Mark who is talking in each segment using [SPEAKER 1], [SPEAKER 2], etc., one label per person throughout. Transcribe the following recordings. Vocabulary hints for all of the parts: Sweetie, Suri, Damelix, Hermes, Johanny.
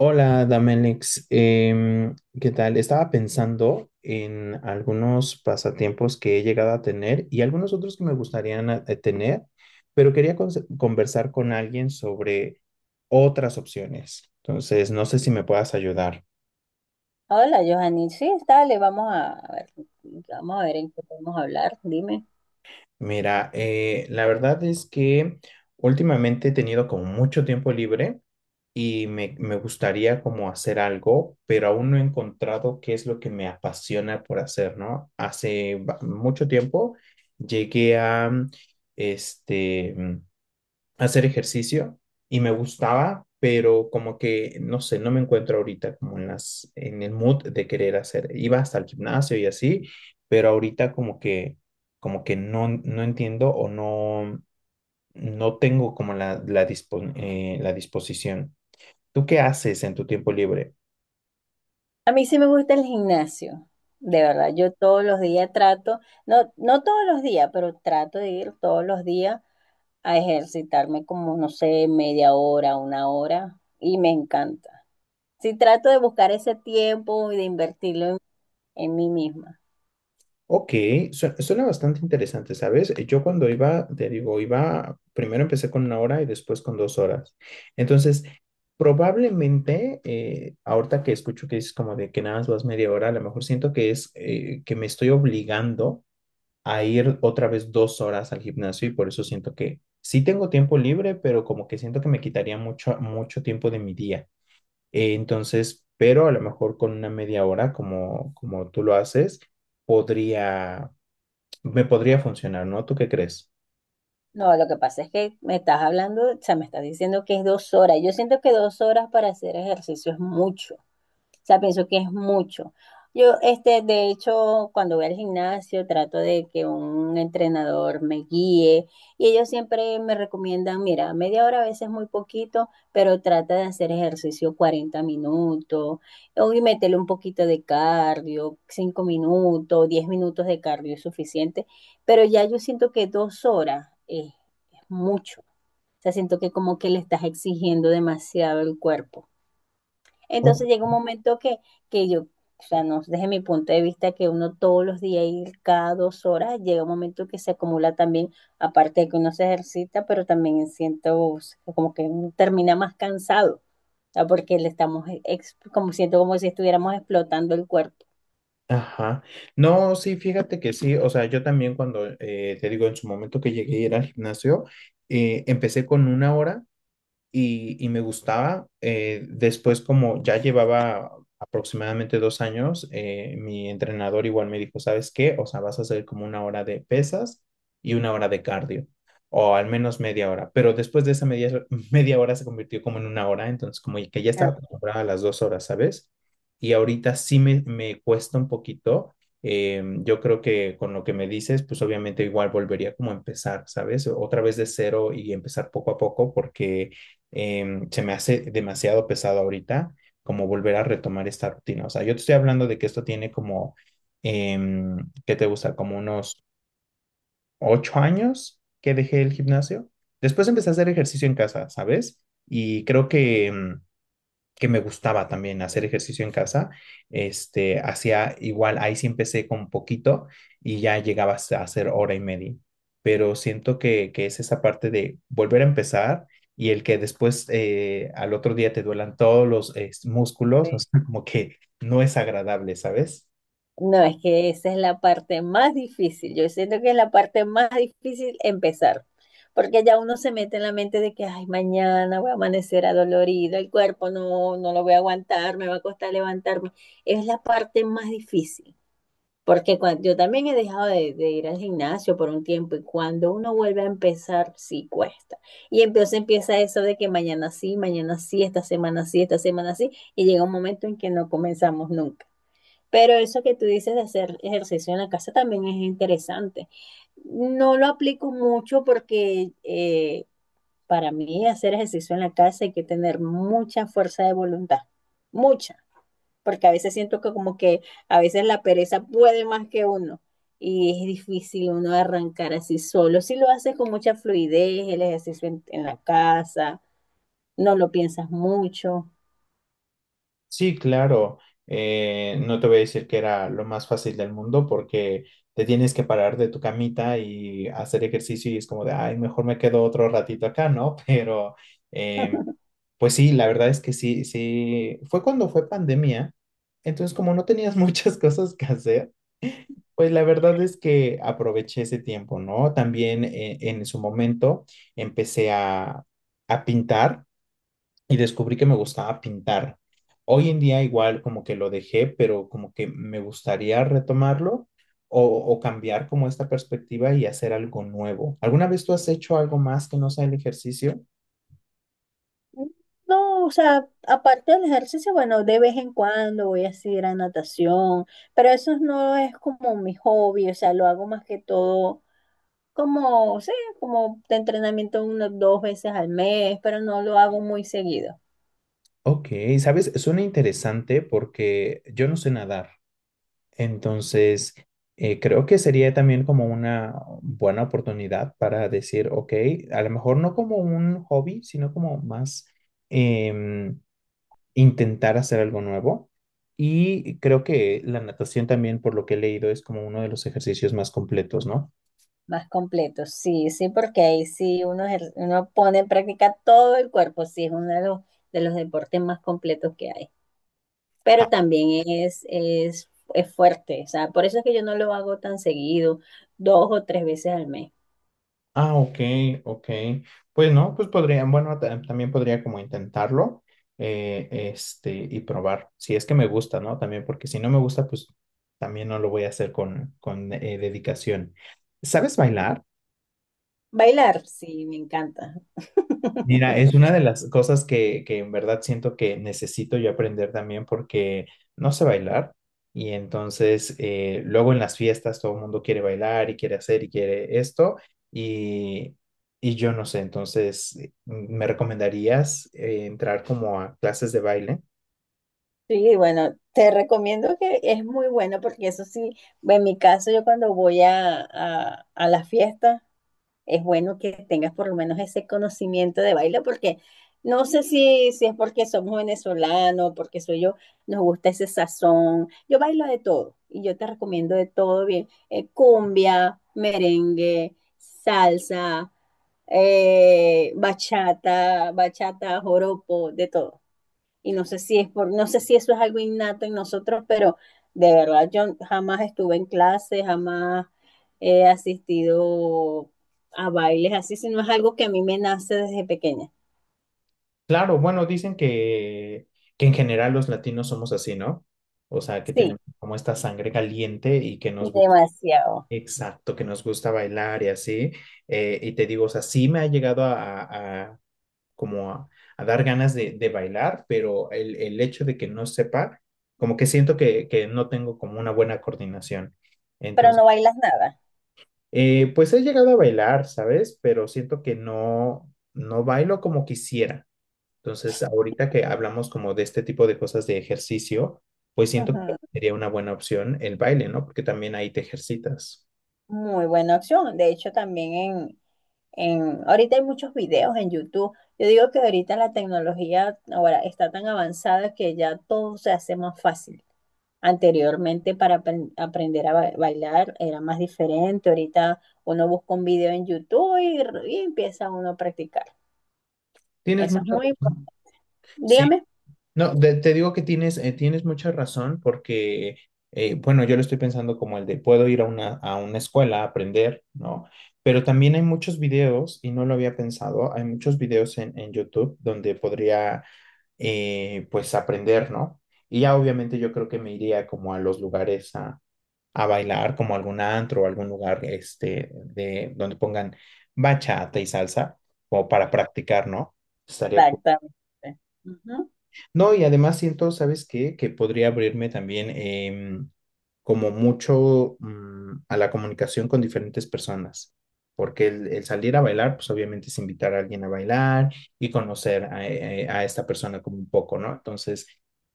[SPEAKER 1] Hola, Damelix. ¿Qué tal? Estaba pensando en algunos pasatiempos que he llegado a tener y algunos otros que me gustaría tener, pero quería conversar con alguien sobre otras opciones. Entonces, no sé si me puedas ayudar.
[SPEAKER 2] Hola, Johanny. Sí, dale, vamos a ver, vamos a ver en qué podemos hablar. Dime.
[SPEAKER 1] Mira, la verdad es que últimamente he tenido como mucho tiempo libre y me gustaría como hacer algo, pero aún no he encontrado qué es lo que me apasiona por hacer, ¿no? Hace mucho tiempo llegué a, este, hacer ejercicio y me gustaba, pero como que, no sé, no me encuentro ahorita como en el mood de querer hacer. Iba hasta el gimnasio y así, pero ahorita como que no, no entiendo o no, no tengo como la disposición. ¿Tú qué haces en tu tiempo libre?
[SPEAKER 2] A mí sí me gusta el gimnasio, de verdad. Yo todos los días trato, no, no todos los días, pero trato de ir todos los días a ejercitarme como, no sé, media hora, una hora, y me encanta. Sí, trato de buscar ese tiempo y de invertirlo en mí misma.
[SPEAKER 1] Ok, suena bastante interesante, ¿sabes? Yo cuando iba, te digo, iba, primero empecé con una hora y después con 2 horas. Entonces, probablemente, ahorita que escucho que es como de que nada más vas media hora, a lo mejor siento que es que me estoy obligando a ir otra vez 2 horas al gimnasio y por eso siento que sí tengo tiempo libre, pero como que siento que me quitaría mucho, mucho tiempo de mi día. Entonces, pero a lo mejor con una media hora, como tú lo haces podría, me podría funcionar, ¿no? ¿Tú qué crees?
[SPEAKER 2] No, lo que pasa es que me estás hablando, o sea, me estás diciendo que es dos horas. Yo siento que 2 horas para hacer ejercicio es mucho. O sea, pienso que es mucho. Yo, este, de hecho, cuando voy al gimnasio, trato de que un entrenador me guíe y ellos siempre me recomiendan, mira, media hora a veces es muy poquito, pero trata de hacer ejercicio 40 minutos, o y métele un poquito de cardio, 5 minutos, 10 minutos de cardio es suficiente, pero ya yo siento que 2 horas es mucho. O sea, siento que como que le estás exigiendo demasiado el cuerpo.
[SPEAKER 1] Oh,
[SPEAKER 2] Entonces llega un momento que yo, o sea, no desde mi punto de vista, que uno todos los días y cada 2 horas, llega un momento que se acumula también, aparte de que uno se ejercita, pero también siento como que uno termina más cansado, o sea, porque le estamos, como siento como si estuviéramos explotando el cuerpo.
[SPEAKER 1] ajá. No, sí, fíjate que sí. O sea, yo también cuando te digo en su momento que llegué a ir al gimnasio, empecé con una hora y me gustaba. Después, como ya llevaba aproximadamente 2 años, mi entrenador igual me dijo, ¿sabes qué? O sea, vas a hacer como una hora de pesas y una hora de cardio, o al menos media hora. Pero después de esa media, media hora se convirtió como en una hora, entonces como que ya estaba acostumbrada a las 2 horas, ¿sabes? Y ahorita sí me cuesta un poquito. Yo creo que con lo que me dices, pues obviamente igual volvería como a empezar, ¿sabes? Otra vez de cero y empezar poco a poco, porque se me hace demasiado pesado ahorita como volver a retomar esta rutina. O sea, yo te estoy hablando de que esto tiene como, eh, ¿qué te gusta? Como unos 8 años que dejé el gimnasio. Después empecé a hacer ejercicio en casa, ¿sabes? Y creo que que me gustaba también hacer ejercicio en casa. Hacía igual, ahí sí empecé con poquito y ya llegaba a hacer hora y media. Pero siento que es esa parte de volver a empezar y el que después al otro día te duelan todos los músculos, o sea, como que no es agradable, ¿sabes?
[SPEAKER 2] No, es que esa es la parte más difícil. Yo siento que es la parte más difícil empezar, porque ya uno se mete en la mente de que, ay, mañana voy a amanecer adolorido, el cuerpo no, no lo voy a aguantar, me va a costar levantarme. Es la parte más difícil, porque cuando, yo también he dejado de ir al gimnasio por un tiempo y cuando uno vuelve a empezar, sí cuesta. Y entonces empieza eso de que mañana sí, esta semana sí, esta semana sí, y llega un momento en que no comenzamos nunca. Pero eso que tú dices de hacer ejercicio en la casa también es interesante. No lo aplico mucho porque para mí hacer ejercicio en la casa hay que tener mucha fuerza de voluntad, mucha, porque a veces siento que como que a veces la pereza puede más que uno y es difícil uno arrancar así solo. Si lo haces con mucha fluidez, el ejercicio en la casa, no lo piensas mucho.
[SPEAKER 1] Sí, claro. No te voy a decir que era lo más fácil del mundo porque te tienes que parar de tu camita y hacer ejercicio y es como de, ay, mejor me quedo otro ratito acá, ¿no? Pero, eh, pues sí, la verdad es que sí, sí, fue cuando fue pandemia. Entonces, como no tenías muchas cosas que hacer, pues la verdad es que aproveché ese tiempo, ¿no? También en su momento empecé a pintar y descubrí que me gustaba pintar. Hoy en día igual como que lo dejé, pero como que me gustaría retomarlo o cambiar como esta perspectiva y hacer algo nuevo. ¿Alguna vez tú has hecho algo más que no sea el ejercicio?
[SPEAKER 2] No, o sea, aparte del ejercicio, bueno, de vez en cuando voy a ir a natación, pero eso no es como mi hobby, o sea, lo hago más que todo como, sí, como de entrenamiento unas 2 veces al mes, pero no lo hago muy seguido,
[SPEAKER 1] Ok, sabes, suena interesante porque yo no sé nadar, entonces creo que sería también como una buena oportunidad para decir, ok, a lo mejor no como un hobby, sino como más em, intentar hacer algo nuevo. Y creo que la natación también, por lo que he leído, es como uno de los ejercicios más completos, ¿no?
[SPEAKER 2] más completo, sí, sí, porque ahí sí uno, uno pone en práctica todo el cuerpo, sí, es uno de los deportes más completos que hay.
[SPEAKER 1] Ah,
[SPEAKER 2] Pero también es fuerte, o sea, por eso es que yo no lo hago tan seguido, 2 o 3 veces al mes.
[SPEAKER 1] ah, ok, ok. Pues no, pues podrían, bueno, también podría como intentarlo, y probar, si es que me gusta, ¿no? También, porque si no me gusta, pues también no lo voy a hacer con dedicación. ¿Sabes bailar?
[SPEAKER 2] Bailar, sí, me encanta.
[SPEAKER 1] Mira, es una de las cosas que en verdad siento que necesito yo aprender también porque no sé bailar y entonces luego en las fiestas todo el mundo quiere bailar y quiere hacer y quiere esto y, y yo no sé, entonces ¿me recomendarías entrar como a clases de baile?
[SPEAKER 2] Sí, bueno, te recomiendo que es muy bueno porque eso sí, en mi caso yo cuando voy a las fiestas, es bueno que tengas por lo menos ese conocimiento de baile, porque no sé si es porque somos venezolanos, porque soy yo, nos gusta ese sazón. Yo bailo de todo y yo te recomiendo de todo bien. Cumbia, merengue, salsa, bachata, bachata, joropo, de todo y no sé si es por, no sé si eso es algo innato en nosotros, pero de verdad yo jamás estuve en clase, jamás he asistido a bailes así, sino es algo que a mí me nace desde pequeña.
[SPEAKER 1] Claro, bueno, dicen que en general los latinos somos así, ¿no? O sea, que
[SPEAKER 2] Sí,
[SPEAKER 1] tenemos como esta sangre caliente y que nos gusta.
[SPEAKER 2] demasiado.
[SPEAKER 1] Exacto, que nos gusta bailar y así. Y te digo, o sea, sí me ha llegado a- a- como a, a dar ganas de bailar, pero el hecho de que no sepa, como que siento que no tengo como una buena coordinación.
[SPEAKER 2] Pero
[SPEAKER 1] Entonces,
[SPEAKER 2] no bailas nada.
[SPEAKER 1] pues he llegado a bailar, ¿sabes? Pero siento que no, no bailo como quisiera. Entonces, ahorita que hablamos como de este tipo de cosas de ejercicio, pues siento que
[SPEAKER 2] Ujú.
[SPEAKER 1] sería una buena opción el baile, ¿no? Porque también ahí te ejercitas.
[SPEAKER 2] Muy buena opción. De hecho, también ahorita hay muchos videos en YouTube. Yo digo que ahorita la tecnología ahora está tan avanzada que ya todo se hace más fácil. Anteriormente para aprender a bailar era más diferente. Ahorita uno busca un video en YouTube y empieza uno a practicar.
[SPEAKER 1] Tienes
[SPEAKER 2] Eso es
[SPEAKER 1] mucha
[SPEAKER 2] muy
[SPEAKER 1] razón.
[SPEAKER 2] importante.
[SPEAKER 1] Sí,
[SPEAKER 2] Dígame.
[SPEAKER 1] no, te digo que tienes, tienes mucha razón porque, bueno, yo lo estoy pensando como el de puedo ir a una escuela a aprender, ¿no? Pero también hay muchos videos, y no lo había pensado, hay muchos videos en YouTube donde podría, pues, aprender, ¿no? Y ya obviamente yo creo que me iría como a los lugares a bailar, como algún antro o algún lugar, donde pongan bachata y salsa, como para practicar, ¿no? Estaría cool.
[SPEAKER 2] Exactamente. Ujú.
[SPEAKER 1] No, y además siento, ¿sabes qué? Que podría abrirme también como mucho a la comunicación con diferentes personas, porque el salir a bailar, pues obviamente es invitar a alguien a bailar y conocer a esta persona como un poco, ¿no? Entonces,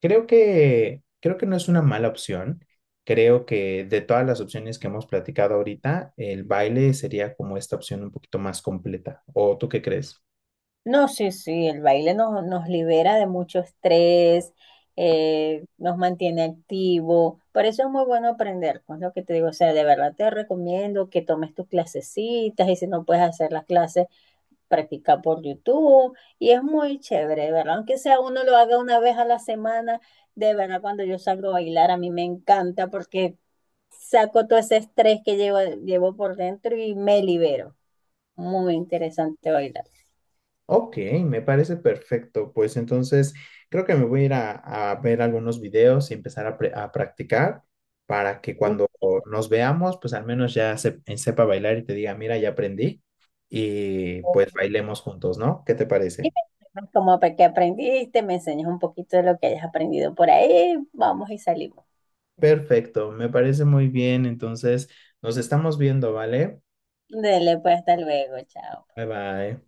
[SPEAKER 1] creo que no es una mala opción. Creo que de todas las opciones que hemos platicado ahorita, el baile sería como esta opción un poquito más completa. ¿O tú qué crees?
[SPEAKER 2] No, sí, sí, el baile nos libera de mucho estrés, nos mantiene activo. Por eso es muy bueno aprender, con lo que te digo. O sea, de verdad te recomiendo que tomes tus clasecitas y si no puedes hacer las clases practicar por YouTube y es muy chévere, ¿verdad? Aunque sea uno lo haga una vez a la semana, de verdad cuando yo salgo a bailar a mí me encanta porque saco todo ese estrés que llevo por dentro y me libero. Muy interesante bailar.
[SPEAKER 1] Ok, me parece perfecto. Pues entonces creo que me voy a ir a ver algunos videos y empezar a practicar para que cuando nos veamos, pues al menos ya sepa bailar y te diga, mira, ya aprendí y pues
[SPEAKER 2] Ujú.
[SPEAKER 1] bailemos juntos, ¿no? ¿Qué te
[SPEAKER 2] Y
[SPEAKER 1] parece?
[SPEAKER 2] me como que aprendiste, me enseñas un poquito de lo que hayas aprendido por ahí, vamos y salimos.
[SPEAKER 1] Perfecto, me parece muy bien. Entonces nos estamos viendo, ¿vale?
[SPEAKER 2] Dele, pues hasta luego, chao.
[SPEAKER 1] Bye bye.